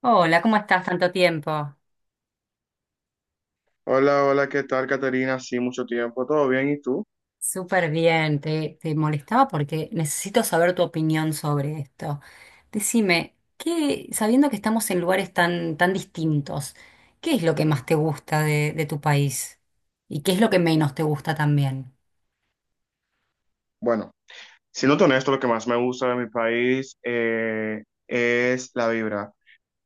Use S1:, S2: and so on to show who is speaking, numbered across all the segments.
S1: Hola, ¿cómo estás? Tanto tiempo.
S2: Hola, hola, ¿qué tal, Caterina? Sí, mucho tiempo, ¿todo bien? ¿Y tú?
S1: Súper bien. Te molestaba porque necesito saber tu opinión sobre esto. Decime, sabiendo que estamos en lugares tan distintos, ¿qué es lo que más te gusta de tu país? ¿Y qué es lo que menos te gusta también?
S2: Bueno, siendo honesto, lo que más me gusta de mi país es la vibra.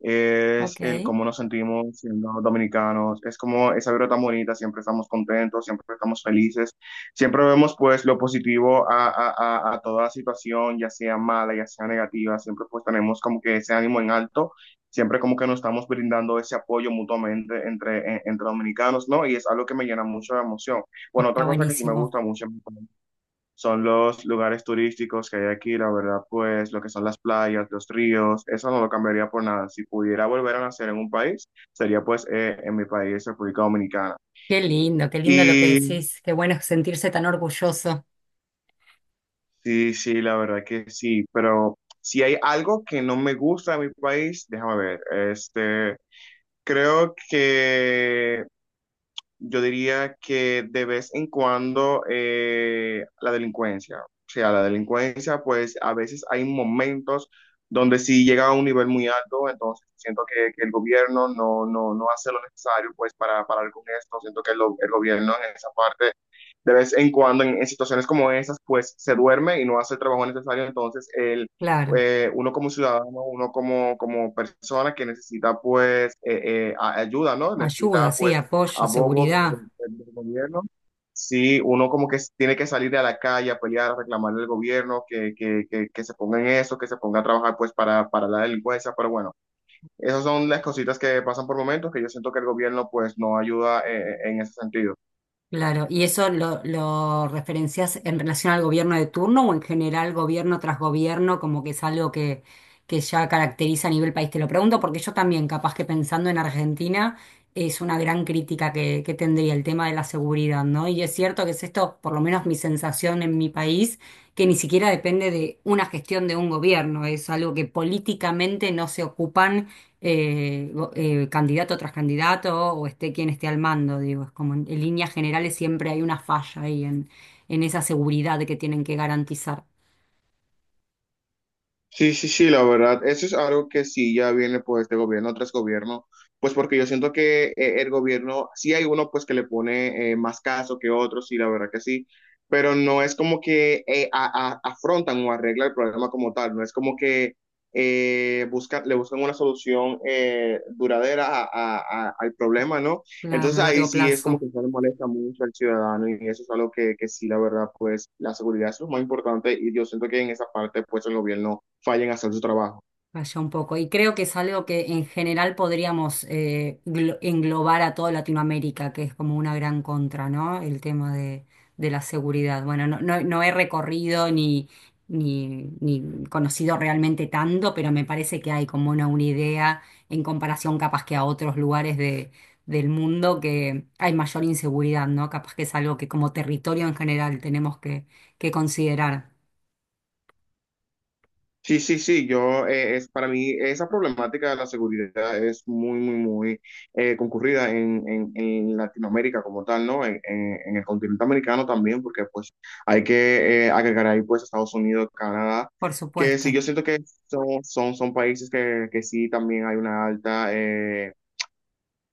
S2: Es
S1: Ok,
S2: el cómo nos sentimos siendo dominicanos, es como esa vibra tan bonita, siempre estamos contentos, siempre estamos felices, siempre vemos pues lo positivo a toda situación, ya sea mala, ya sea negativa, siempre pues tenemos como que ese ánimo en alto, siempre como que nos estamos brindando ese apoyo mutuamente entre dominicanos, ¿no? Y es algo que me llena mucho de emoción. Bueno, otra
S1: está
S2: cosa que sí me
S1: buenísimo.
S2: gusta mucho son los lugares turísticos que hay aquí, la verdad, pues lo que son las playas, los ríos, eso no lo cambiaría por nada. Si pudiera volver a nacer en un país, sería pues en mi país, República Dominicana.
S1: Qué lindo lo que
S2: Y
S1: decís. Qué bueno sentirse tan orgulloso.
S2: sí, sí, la verdad que sí, pero si hay algo que no me gusta de mi país, déjame ver, este, creo que yo diría que de vez en cuando la delincuencia, o sea, la delincuencia, pues a veces hay momentos donde sí llega a un nivel muy alto. Entonces siento que el gobierno no hace lo necesario pues para parar con esto, siento que el gobierno en esa parte de vez en cuando en situaciones como esas pues se duerme y no hace el trabajo necesario. entonces el,
S1: Claro,
S2: eh, uno como ciudadano, uno como persona que necesita pues ayuda, ¿no?
S1: ayuda,
S2: Necesita
S1: sí,
S2: pues
S1: apoyo,
S2: abogo de- de-
S1: seguridad.
S2: de- del gobierno. Sí, uno como que tiene que salir a la calle a pelear, a reclamarle al gobierno que se ponga en eso, que se ponga a trabajar pues para la delincuencia, pero bueno, esas son las cositas que pasan por momentos que yo siento que el gobierno pues no ayuda en ese sentido.
S1: Claro, ¿y eso lo referencias en relación al gobierno de turno o en general gobierno tras gobierno, como que es algo que ya caracteriza a nivel país? Te lo pregunto porque yo también, capaz que pensando en Argentina, es una gran crítica que tendría el tema de la seguridad, ¿no? Y es cierto que es esto, por lo menos mi sensación en mi país, que ni siquiera depende de una gestión de un gobierno, es algo que políticamente no se ocupan candidato tras candidato o esté quien esté al mando, digo, es como en líneas generales siempre hay una falla ahí en esa seguridad que tienen que garantizar,
S2: Sí, sí, sí, la verdad, eso es algo que sí ya viene pues de gobierno tras gobierno, pues porque yo siento que el gobierno, sí hay uno pues que le pone más caso que otros, sí, la verdad que sí, pero no es como que afrontan o arreglan el problema como tal. No es como que buscan, le buscan una solución duradera al problema, ¿no?
S1: claro,
S2: Entonces
S1: a
S2: ahí
S1: largo
S2: sí es como
S1: plazo.
S2: que se le molesta mucho al ciudadano y eso es algo que sí, la verdad, pues la seguridad es lo más importante y yo siento que en esa parte pues el gobierno fallen a hacer su trabajo.
S1: Vaya un poco. Y creo que es algo que en general podríamos englobar a toda Latinoamérica, que es como una gran contra, ¿no? El tema de la seguridad. Bueno, no he recorrido ni conocido realmente tanto, pero me parece que hay como una idea en comparación capaz que a otros lugares del mundo que hay mayor inseguridad, ¿no? Capaz que es algo que como territorio en general tenemos que considerar.
S2: Sí, sí, sí, yo, es, para mí esa problemática de la seguridad es muy, muy, muy concurrida en Latinoamérica como tal, ¿no? En el continente americano también, porque pues hay que agregar ahí pues Estados Unidos, Canadá,
S1: Por
S2: que sí,
S1: supuesto,
S2: yo siento que son países que sí también hay una alta.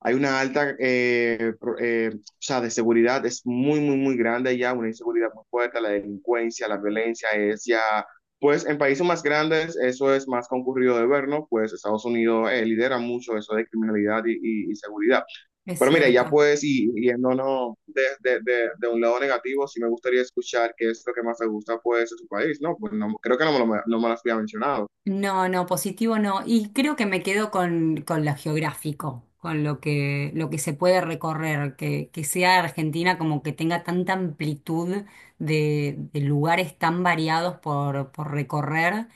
S2: Hay una alta, o sea, de seguridad es muy, muy, muy grande ya, una inseguridad muy fuerte, la delincuencia, la violencia es ya, pues en países más grandes eso es más concurrido de ver, ¿no? Pues Estados Unidos lidera mucho eso de criminalidad y seguridad.
S1: es
S2: Pero mira, ya
S1: cierto.
S2: pues, y yéndonos de un lado negativo, sí me gustaría escuchar qué es lo que más te gusta, pues, de tu país, ¿no? Pues no, creo que no me lo había mencionado.
S1: No, no, positivo no. Y creo que me quedo con lo geográfico, con lo que se puede recorrer, que sea Argentina como que tenga tanta amplitud de lugares tan variados por recorrer.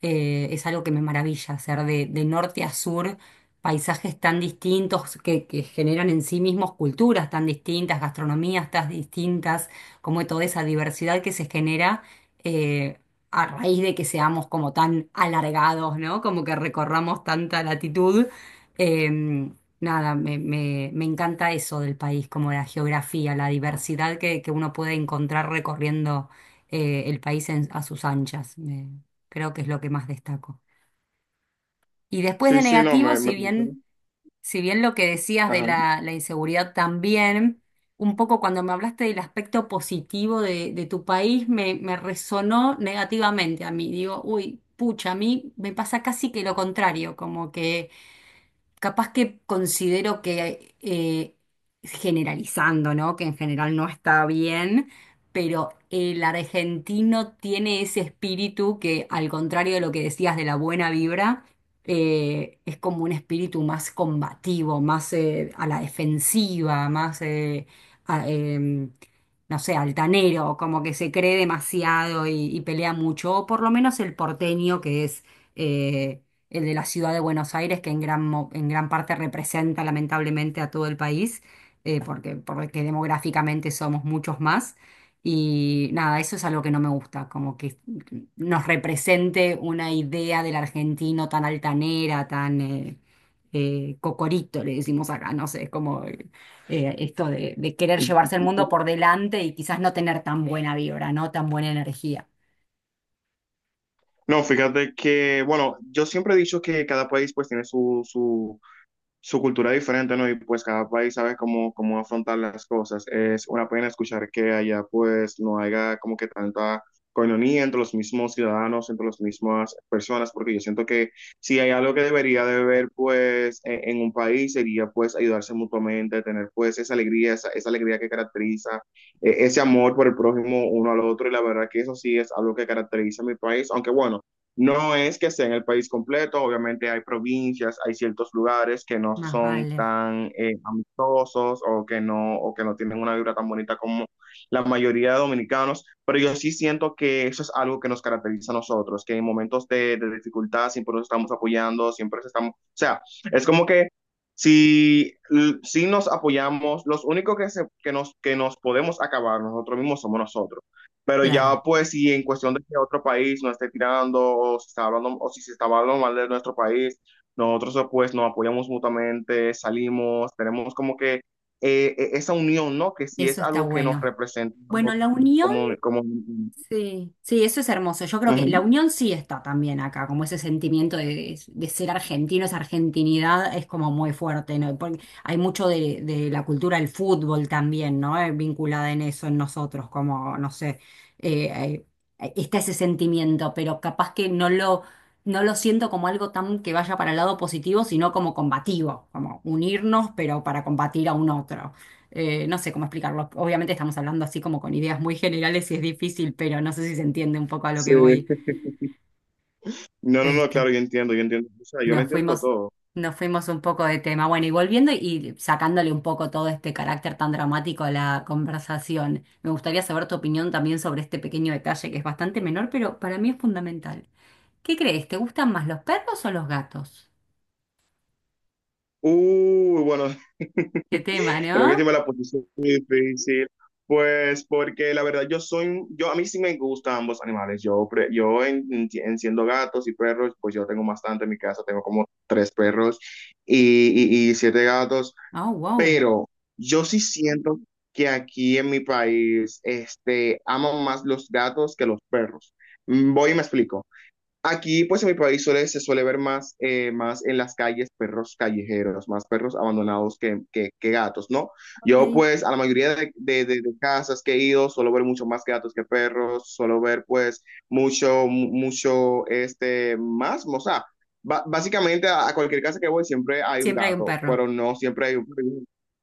S1: Es algo que me maravilla, hacer de norte a sur paisajes tan distintos que generan en sí mismos culturas tan distintas, gastronomías tan distintas, como toda esa diversidad que se genera. eh, a raíz de que seamos como tan alargados, ¿no? Como que recorramos tanta latitud. eh, Nada, me encanta eso del país, como la geografía, la diversidad que uno puede encontrar recorriendo el país a sus anchas. Creo que es lo que más destaco. Y después
S2: Sí,
S1: de
S2: sí, no.
S1: negativo, si bien... Si bien lo que decías de
S2: Ajá.
S1: la inseguridad también, un poco cuando me hablaste del aspecto positivo de tu país, me resonó negativamente a mí. Digo, uy, pucha, a mí me pasa casi que lo contrario, como que capaz que considero que, generalizando, ¿no? Que en general no está bien, pero el argentino tiene ese espíritu que, al contrario de lo que decías de la buena vibra, es como un espíritu más combativo, más a la defensiva, más, a- em, no sé, altanero, como que se cree demasiado y pelea mucho, o por lo menos el porteño que es... eh, el de la ciudad de Buenos Aires, que en en gran parte representa lamentablemente a todo el país, porque demográficamente somos muchos más. Y nada, eso es algo que no me gusta, como que nos represente una idea del argentino tan altanera, tan cocorito, le decimos acá, no sé, es como esto de querer llevarse el mundo por delante y quizás no tener tan buena vibra, no tan buena energía.
S2: No, fíjate que, bueno, yo siempre he dicho que cada país pues tiene su cultura diferente, ¿no? Y pues cada país sabe cómo afrontar las cosas. Es una pena escuchar que allá pues no haya como que tanta coinonía entre los mismos ciudadanos, entre las mismas personas, porque yo siento que si hay algo que debería de haber pues en un país sería pues ayudarse mutuamente, tener pues esa alegría, esa alegría que caracteriza ese amor por el prójimo uno al otro, y la verdad que eso sí es algo que caracteriza a mi país, aunque bueno, no es que sea en el país completo, obviamente hay provincias, hay ciertos lugares que no
S1: Más
S2: son
S1: vale,
S2: tan amistosos o que no tienen una vibra tan bonita como la mayoría de dominicanos, pero yo sí siento que eso es algo que nos caracteriza a nosotros, que en momentos de dificultad siempre nos estamos apoyando, siempre nos estamos, o sea, es como que si, si nos apoyamos, los únicos que nos podemos acabar nosotros mismos somos nosotros. Pero
S1: claro,
S2: ya pues si en cuestión de que otro país nos esté tirando o si está hablando o si se está hablando mal de nuestro país, nosotros pues nos apoyamos mutuamente, salimos, tenemos como que esa unión, ¿no? Que sí
S1: eso
S2: es
S1: está
S2: algo que nos
S1: bueno.
S2: representa a
S1: Bueno,
S2: nosotros
S1: la unión,
S2: como, como...
S1: sí, sí, eso es hermoso. Yo creo que la
S2: Ujú.
S1: unión sí está también acá, como ese sentimiento de ser argentino, esa argentinidad es como muy fuerte, ¿no? Porque hay mucho de la cultura del fútbol también, ¿no? Vinculada en eso, en nosotros, como, no sé, eh, está ese sentimiento, pero capaz que no lo siento como algo tan que vaya para el lado positivo, sino como combativo, como unirnos, pero para combatir a un otro. No sé cómo explicarlo. Obviamente estamos hablando así como con ideas muy generales y es difícil, pero no sé si se entiende un poco a lo
S2: Sí.
S1: que voy.
S2: No, no, no,
S1: Este,
S2: claro, yo entiendo, yo entiendo. O sea, yo lo
S1: nos
S2: entiendo
S1: fuimos,
S2: todo.
S1: nos fuimos un poco de tema. Bueno, y volviendo y sacándole un poco todo este carácter tan dramático a la conversación, me gustaría saber tu opinión también sobre este pequeño detalle que es bastante menor, pero para mí es fundamental. ¿Qué crees? ¿Te gustan más los perros o los gatos?
S2: Uy, bueno.
S1: Qué tema,
S2: Creo que sí
S1: ¿no?
S2: me la posición muy difícil, pues porque la verdad yo a mí sí me gustan ambos animales. Yo enciendo gatos y perros, pues yo tengo bastante en mi casa, tengo como tres perros y siete gatos,
S1: Oh, wow.
S2: pero yo sí siento que aquí en mi país, este, aman más los gatos que los perros. Mm, voy y me explico. Aquí, pues en mi país suele, se suele ver más, más en las calles perros callejeros, más perros abandonados que gatos, ¿no?
S1: Ok.
S2: Yo, pues, a la mayoría de casas que he ido, suelo ver mucho más gatos que perros, suelo ver, pues, mucho, este, más, o sea, básicamente a cualquier casa que voy siempre hay un
S1: Siempre hay un
S2: gato,
S1: perro.
S2: pero no siempre hay un perro.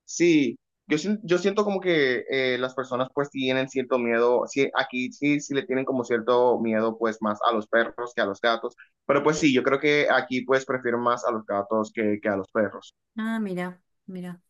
S2: Sí. Yo siento como que las personas pues tienen cierto miedo, sí, aquí sí, sí le tienen como cierto miedo pues más a los perros que a los gatos, pero pues sí, yo creo que aquí pues prefiero más a los gatos que a los perros.
S1: Ah, mira, mira.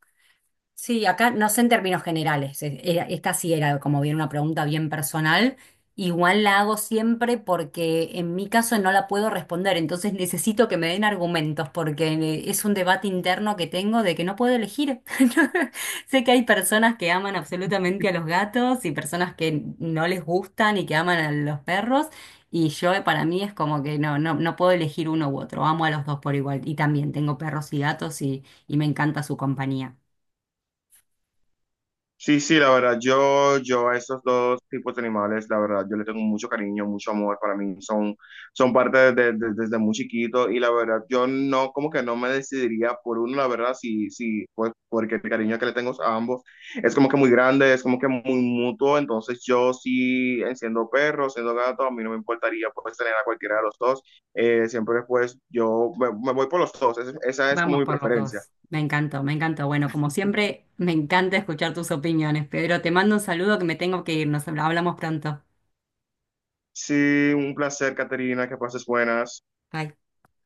S1: Sí, acá no sé en términos generales, esta sí era como bien una pregunta bien personal, igual la hago siempre porque en mi caso no la puedo responder, entonces necesito que me den argumentos porque es un debate interno que tengo de que no puedo elegir. Sé que hay personas que aman absolutamente a los gatos y personas que no les gustan y que aman a los perros y yo para mí es como que no, no, no puedo elegir uno u otro, amo a los dos por igual y también tengo perros y gatos y me encanta su compañía.
S2: Sí, sí, la verdad, yo a esos dos tipos de animales, la verdad, yo les tengo mucho cariño, mucho amor, para mí son, son parte desde muy chiquito, y la verdad, yo no, como que no me decidiría por uno, la verdad, sí, sí, pues porque el cariño que le tengo a ambos es como que muy grande, es como que muy mutuo, entonces yo sí, siendo perro, siendo gato, a mí no me importaría pues tener a cualquiera de los dos, siempre pues yo me voy por los dos, esa es como
S1: Vamos
S2: mi
S1: por los
S2: preferencia.
S1: dos. Me encantó, me encantó. Bueno, como siempre, me encanta escuchar tus opiniones, Pedro. Te mando un saludo que me tengo que ir. Nos hablamos pronto.
S2: Sí, un placer, Caterina, que pases buenas.
S1: Bye.